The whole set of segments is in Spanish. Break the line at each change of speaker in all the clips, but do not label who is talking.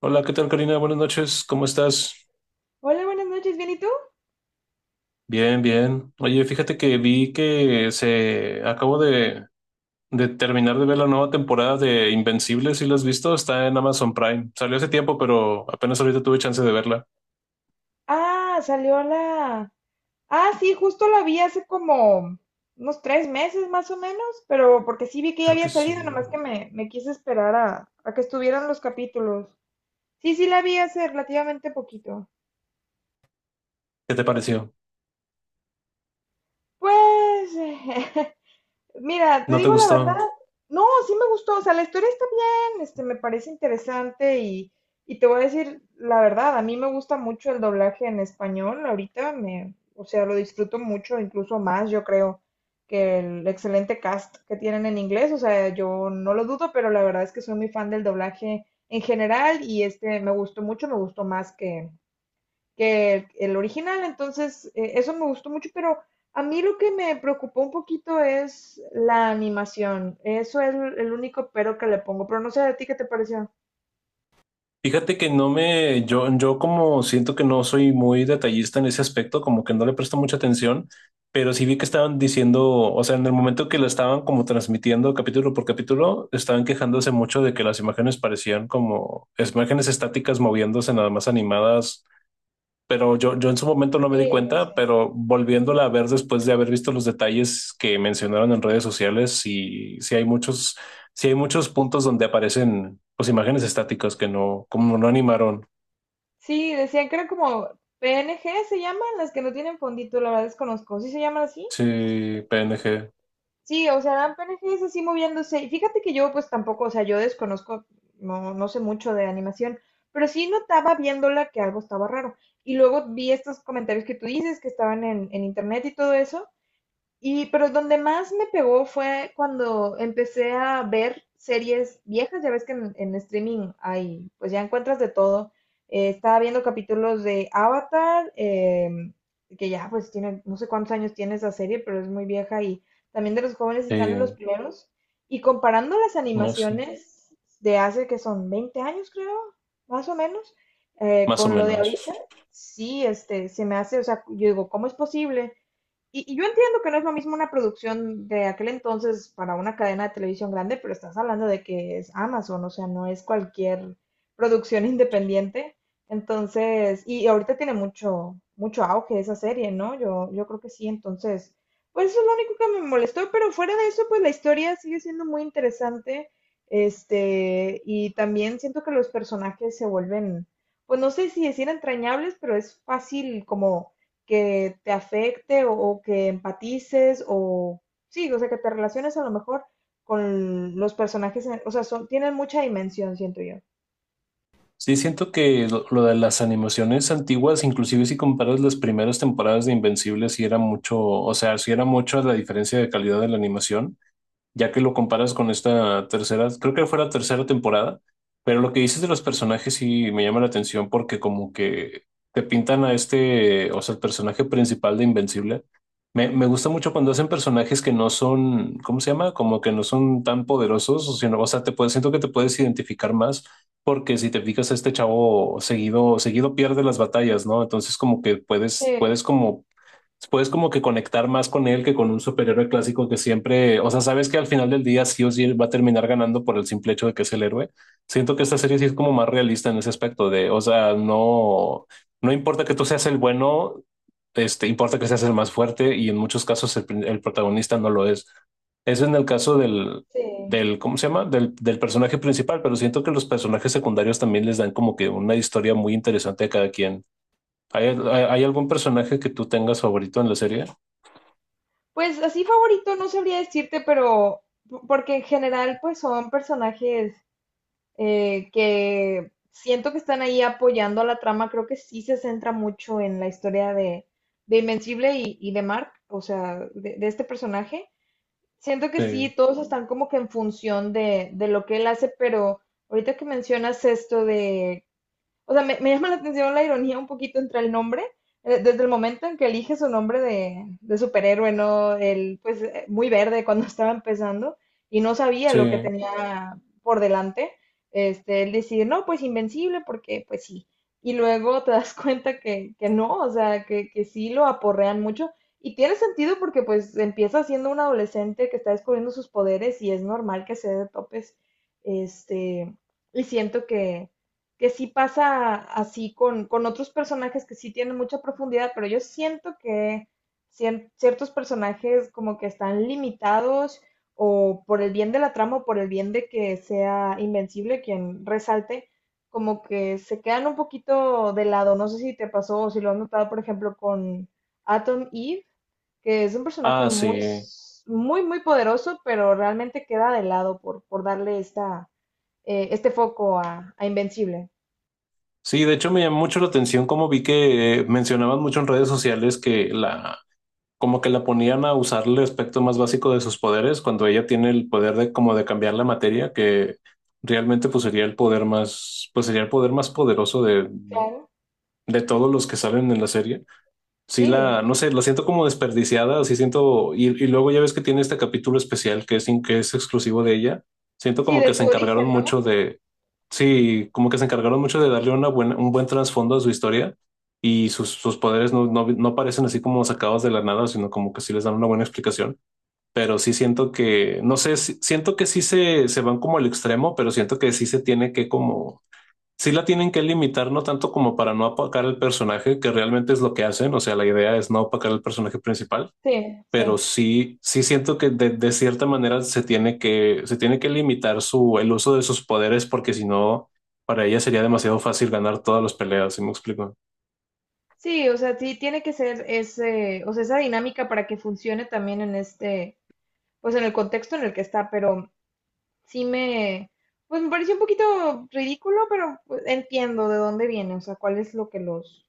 Hola, ¿qué tal, Karina? Buenas noches, ¿cómo estás?
Hola, buenas noches, ¿bien y tú?
Bien, bien. Oye, fíjate que vi que se acabo de terminar de ver la nueva temporada de Invencible, si la has visto, está en Amazon Prime. Salió hace tiempo, pero apenas ahorita tuve chance de verla.
Ah, salió la... Ah, sí, justo la vi hace como unos tres meses más o menos, pero porque sí vi que ya
Creo que
había
sí.
salido, nomás que me quise esperar a que estuvieran los capítulos. Sí, sí, la vi hace relativamente poquito.
¿Qué te pareció?
Pues mira, te
¿No te
digo la verdad,
gustó?
no, sí me gustó, o sea, la historia está bien, me parece interesante y te voy a decir la verdad, a mí me gusta mucho el doblaje en español, ahorita me, o sea, lo disfruto mucho, incluso más, yo creo, que el excelente cast que tienen en inglés, o sea, yo no lo dudo, pero la verdad es que soy muy fan del doblaje en general y este me gustó mucho, me gustó más que el original, entonces eso me gustó mucho, pero a mí lo que me preocupó un poquito es la animación, eso es el único pero que le pongo, pero no sé a ti qué te pareció.
Fíjate que no me, yo como siento que no soy muy detallista en ese aspecto, como que no le presto mucha atención, pero sí vi que estaban diciendo, o sea, en el momento que lo estaban como transmitiendo capítulo por capítulo, estaban quejándose mucho de que las imágenes parecían como imágenes estáticas moviéndose nada más animadas, pero yo en su momento no me
Sí,
di
sí.
cuenta, pero volviéndola a ver después de haber visto los detalles que mencionaron en redes sociales, y sí hay muchos puntos donde aparecen pues imágenes estáticas que no, como no animaron.
Sí, decían que eran como PNG se llaman, las que no tienen fondito, la verdad desconozco, ¿sí se llaman así?
Sí, PNG,
Sí, o sea, dan personajes así moviéndose. Y fíjate que yo, pues tampoco, o sea, yo desconozco, no sé mucho de animación, pero sí notaba viéndola que algo estaba raro. Y luego vi estos comentarios que tú dices que estaban en internet y todo eso, y, pero donde más me pegó fue cuando empecé a ver series viejas. Ya ves que en streaming hay, pues ya encuentras de todo. Estaba viendo capítulos de Avatar, que ya pues tiene, no sé cuántos años tiene esa serie, pero es muy vieja. Y también de los jóvenes titanes, los
eh,
primeros. Y comparando las
no sí
animaciones de hace que son 20 años, creo, más o menos,
más o
con lo de ahorita,
menos.
sí, se me hace, o sea, yo digo, ¿cómo es posible? Y yo entiendo que no es lo mismo una producción de aquel entonces para una cadena de televisión grande, pero estás hablando de que es Amazon, o sea, no es cualquier producción independiente. Entonces, y ahorita tiene mucho, mucho auge esa serie, ¿no? Yo creo que sí, entonces, pues eso es lo único que me molestó, pero fuera de eso, pues la historia sigue siendo muy interesante, y también siento que los personajes se vuelven, pues no sé si decir entrañables, pero es fácil como que te afecte o que empatices o sí, o sea, que te relaciones a lo mejor con los personajes, o sea, son, tienen mucha dimensión, siento yo.
Sí, siento que lo de las animaciones antiguas, inclusive si comparas las primeras temporadas de Invencible, sí era mucho, o sea, sí era mucho la diferencia de calidad de la animación ya que lo comparas con esta tercera, creo que fue la tercera temporada, pero lo que dices de los personajes sí me llama la atención porque como que te pintan a este, o sea, el personaje principal de Invencible. Me gusta mucho cuando hacen personajes que no son, ¿cómo se llama? Como que no son tan poderosos, o sino, o sea, te puedes, siento que te puedes identificar más porque si te fijas, a este chavo seguido, seguido pierde las batallas, ¿no? Entonces como que
Sí,
puedes, puedes como que conectar más con él que con un superhéroe clásico que siempre, o sea, sabes que al final del día sí o sí va a terminar ganando por el simple hecho de que es el héroe. Siento que esta serie sí es como más realista en ese aspecto de, o sea, no, no importa que tú seas el bueno, este, importa que seas el más fuerte y en muchos casos el, el protagonista no lo es. Eso en el caso del,
sí.
del, ¿cómo se llama? Del, del personaje principal, pero siento que los personajes secundarios también les dan como que una historia muy interesante a cada quien. ¿Hay, hay, hay algún personaje que tú tengas favorito en la serie?
Pues así favorito no sabría decirte, pero porque en general pues son personajes que siento que están ahí apoyando a la trama, creo que sí se centra mucho en la historia de Invencible y de Mark, o sea, de este personaje. Siento que sí,
Sí,
todos están como que en función de lo que él hace, pero ahorita que mencionas esto de o sea, me llama la atención la ironía un poquito entre el nombre, desde el momento en que elige su nombre de superhéroe, ¿no? El, pues, muy verde cuando estaba empezando y no sabía lo que
sí.
tenía por delante. Él decide no, pues invencible, porque pues sí. Y luego te das cuenta que no, o sea, que sí lo aporrean mucho. Y tiene sentido porque pues empieza siendo un adolescente que está descubriendo sus poderes y es normal que se dé de topes. Este, y siento que sí pasa así con otros personajes que sí tienen mucha profundidad, pero yo siento que ciertos personajes como que están limitados o por el bien de la trama o por el bien de que sea Invencible quien resalte, como que se quedan un poquito de lado. No sé si te pasó o si lo has notado, por ejemplo, con Atom Eve, que es un personaje
Ah, sí.
muy, muy poderoso, pero realmente queda de lado por darle esta, este foco a Invencible.
Sí, de hecho me llamó mucho la atención como vi que mencionaban mucho en redes sociales que la, como que la ponían a usar el aspecto más básico de sus poderes cuando ella tiene el poder de como de cambiar la materia, que realmente pues sería el poder más, pues sería el poder más poderoso
Claro,
de todos los que salen en la serie. Sí,
sí,
la, no sé, la siento como desperdiciada, sí siento, y luego ya ves que tiene este capítulo especial que es, que es exclusivo de ella, siento
sí,
como
de
que se
su
encargaron
origen,
mucho
¿no?
de, sí, como que se encargaron mucho de darle una buena, un buen trasfondo a su historia y sus, sus poderes no, no, no parecen así como sacados de la nada, sino como que sí les dan una buena explicación, pero sí siento que, no sé, siento que sí se van como al extremo, pero siento que sí se tiene que como sí la tienen que limitar, no tanto como para no apacar el personaje, que realmente es lo que hacen, o sea, la idea es no apacar el personaje principal,
Sí,
pero
sí.
sí, sí siento que de cierta manera se tiene que limitar su, el uso de sus poderes, porque si no, para ella sería demasiado fácil ganar todas las peleas, ¿sí me explico?
Sí, o sea, sí tiene que ser ese, o sea, esa dinámica para que funcione también en este, pues en el contexto en el que está, pero sí me, pues me pareció un poquito ridículo, pero pues, entiendo de dónde viene, o sea, cuál es lo que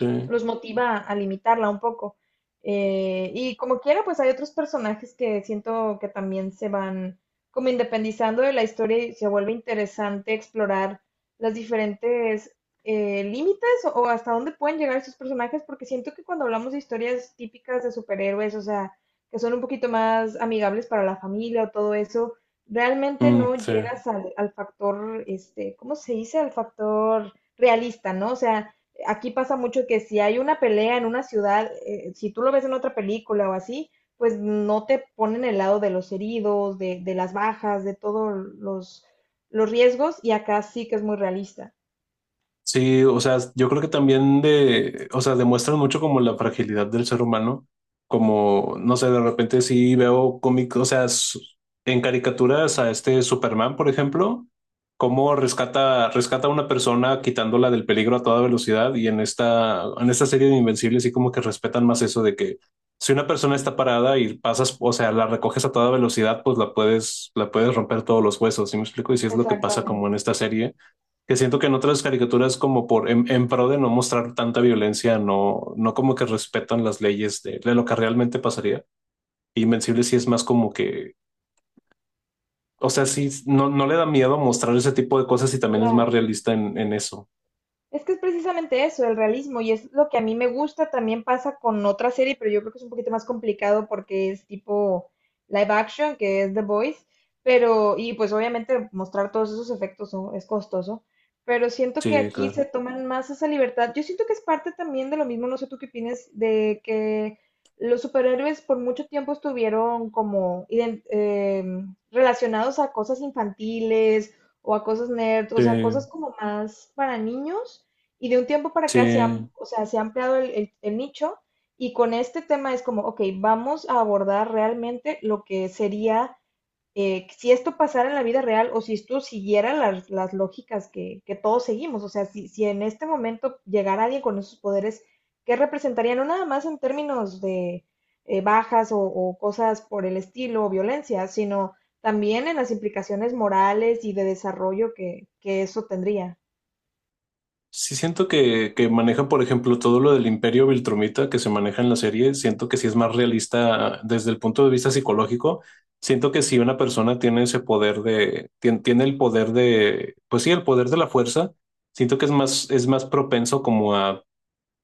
Sí.
los motiva a limitarla un poco. Y como quiera, pues hay otros personajes que siento que también se van como independizando de la historia y se vuelve interesante explorar las diferentes límites o hasta dónde pueden llegar estos personajes, porque siento que cuando hablamos de historias típicas de superhéroes, o sea, que son un poquito más amigables para la familia o todo eso, realmente
Mm,
no
sí.
llegas al, al factor, ¿cómo se dice? Al factor realista, ¿no? O sea, aquí pasa mucho que si hay una pelea en una ciudad, si tú lo ves en otra película o así, pues no te ponen el lado de los heridos, de las bajas, de todos los riesgos, y acá sí que es muy realista.
Sí, o sea, yo creo que también de, o sea, demuestran mucho como la fragilidad del ser humano, como, no sé, de repente sí veo cómics, o sea, en caricaturas a este Superman, por ejemplo, cómo rescata, rescata a una persona quitándola del peligro a toda velocidad y en esta serie de Invencibles sí como que respetan más eso de que si una persona está parada y pasas, o sea, la recoges a toda velocidad, pues la puedes romper todos los huesos, ¿sí me explico? Y si es lo que pasa como
Exactamente,
en esta serie que siento que en otras caricaturas como por en pro de no mostrar tanta violencia, no, no como que respetan las leyes de lo que realmente pasaría. Invencible sí es más como que, o sea, sí, no, no le da miedo mostrar ese tipo de cosas y también es más
claro.
realista en eso.
Es que es precisamente eso, el realismo, y es lo que a mí me gusta, también pasa con otra serie, pero yo creo que es un poquito más complicado porque es tipo live action, que es The Boys pero, y pues obviamente mostrar todos esos efectos, ¿no? Es costoso, pero siento que
Sí,
aquí se
claro.
toman más esa libertad. Yo siento que es parte también de lo mismo, no sé tú qué opinas, de que los superhéroes por mucho tiempo estuvieron como relacionados a cosas infantiles o a cosas nerd, o
Sí,
sea, cosas como más para niños. Y de un tiempo para acá se han,
sí.
o sea, se ha ampliado el nicho y con este tema es como, ok, vamos a abordar realmente lo que sería si esto pasara en la vida real o si esto siguiera las lógicas que todos seguimos. O sea, si, si en este momento llegara alguien con esos poderes, ¿qué representaría? No nada más en términos de bajas o cosas por el estilo o violencia, sino también en las implicaciones morales y de desarrollo que eso tendría.
Sí siento que maneja, por ejemplo, todo lo del imperio Viltrumita que se maneja en la serie, siento que sí es más realista desde el punto de vista psicológico. Siento que si una persona tiene ese poder de, tiene, el poder de, pues sí, el poder de la fuerza, siento que es más propenso como a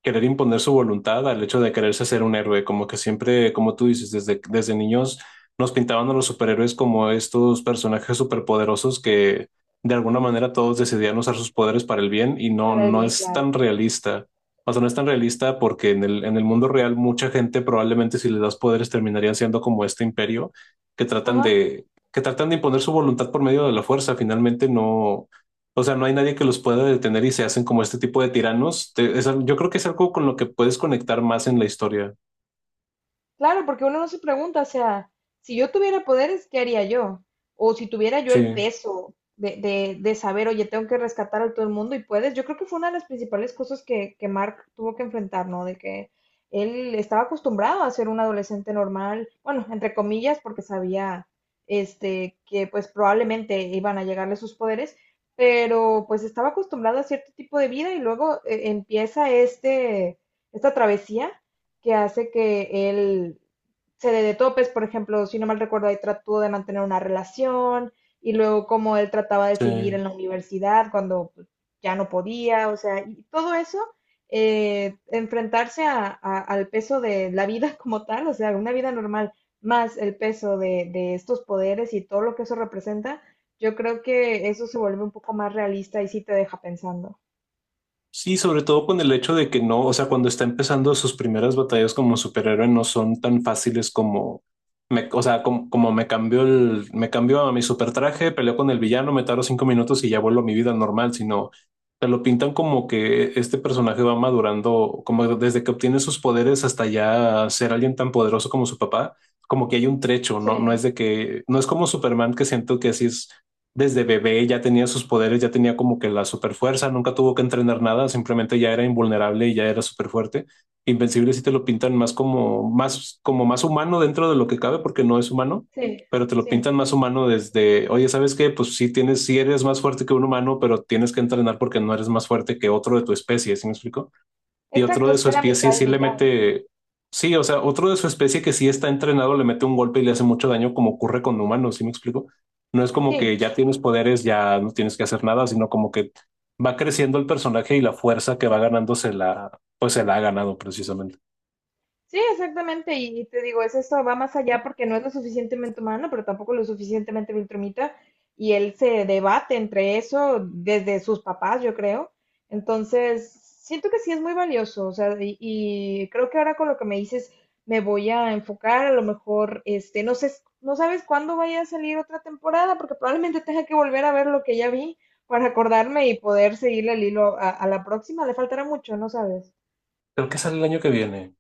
querer imponer su voluntad al hecho de quererse ser un héroe, como que siempre, como tú dices, desde, desde niños nos pintaban a los superhéroes como estos personajes superpoderosos que de alguna
Ujú.
manera todos decidían usar sus poderes para el bien y no,
Para el
no
bien,
es
claro.
tan realista. O sea, no es tan realista porque en el mundo real mucha gente probablemente si les das poderes terminarían siendo como este imperio que tratan
Ajá,
de, que tratan de imponer su voluntad por medio de la fuerza. Finalmente no, o sea, no hay nadie que los pueda detener y se hacen como este tipo de tiranos. Yo creo que es algo con lo que puedes conectar más en la historia.
claro, porque uno no se pregunta, o sea, si yo tuviera poderes, ¿qué haría yo? O si tuviera yo
Sí,
el peso de saber, oye, tengo que rescatar a todo el mundo y puedes. Yo creo que fue una de las principales cosas que Mark tuvo que enfrentar, ¿no? De que él estaba acostumbrado a ser un adolescente normal, bueno, entre comillas, porque sabía, que pues probablemente iban a llegarle sus poderes, pero pues estaba acostumbrado a cierto tipo de vida y luego empieza esta travesía que hace que él se dé de topes, por ejemplo, si no mal recuerdo, ahí trató de mantener una relación y luego cómo él trataba de seguir
sí.
en la universidad cuando pues, ya no podía, o sea, y todo eso, enfrentarse al peso de la vida como tal, o sea, una vida normal, más el peso de estos poderes y todo lo que eso representa, yo creo que eso se vuelve un poco más realista y sí te deja pensando.
Sí, sobre todo con el hecho de que no, o sea, cuando está empezando sus primeras batallas como superhéroe no son tan fáciles como, me, o sea, como, como me cambió el, me cambió a mi super traje, peleo con el villano, me tardo 5 minutos y ya vuelvo a mi vida normal, sino te lo pintan como que este personaje va madurando, como desde que obtiene sus poderes hasta ya ser alguien tan poderoso como su papá, como que hay un trecho, no, no
Sí,
es de que, no es como Superman que siento que así es desde bebé ya tenía sus poderes, ya tenía como que la super fuerza, nunca tuvo que entrenar nada, simplemente ya era invulnerable y ya era súper fuerte. Invencible sí te lo pintan más como, más, como más humano dentro de lo que cabe, porque no es humano,
sí,
pero te lo
sí.
pintan más humano desde, oye, ¿sabes qué? Pues sí tienes, sí eres más fuerte que un humano, pero tienes que entrenar porque no eres más fuerte que otro de tu especie, ¿sí me explico? Y otro
Exacto,
de
es
su
que era
especie
mitad y
sí le
mitad.
mete, sí, o sea, otro de su especie que sí está entrenado le mete un golpe y le hace mucho daño, como ocurre con humanos, ¿sí me explico? No es como
Sí.
que ya tienes poderes, ya no tienes que hacer nada, sino como que va creciendo el personaje y la fuerza que va ganando se la, pues se la ha ganado precisamente.
Sí, exactamente, y te digo, es esto, va más allá porque no es lo suficientemente humano, pero tampoco lo suficientemente viltrumita, y él se debate entre eso desde sus papás, yo creo. Entonces, siento que sí es muy valioso, o sea, y creo que ahora con lo que me dices, me voy a enfocar, a lo mejor, no sé, no sabes cuándo vaya a salir otra temporada, porque probablemente tenga que volver a ver lo que ya vi para acordarme y poder seguirle el hilo a la próxima, le faltará mucho, no sabes.
Creo que sale el año que viene.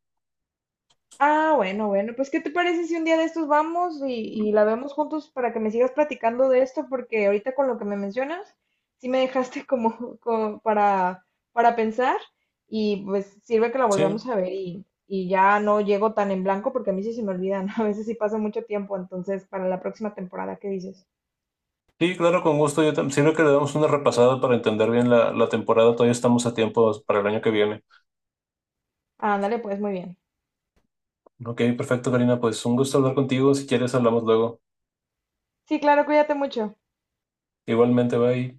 Ah, bueno, bueno, pues ¿qué te parece si un día de estos vamos y la vemos juntos para que me sigas platicando de esto? Porque ahorita con lo que me mencionas, sí me dejaste como, como para pensar y pues sirve que la volvemos
Sí,
a ver y ya no llego tan en blanco porque a mí sí se me olvidan, a veces sí pasa mucho tiempo, entonces para la próxima temporada, ¿qué dices?
sí, claro, con gusto. Yo también sirve que le damos una repasada para entender bien la, la temporada. Todavía estamos a tiempo para el año que viene.
Ándale, pues muy bien.
Ok, perfecto, Karina. Pues un gusto hablar contigo. Si quieres, hablamos luego.
Sí, claro, cuídate mucho.
Igualmente, bye.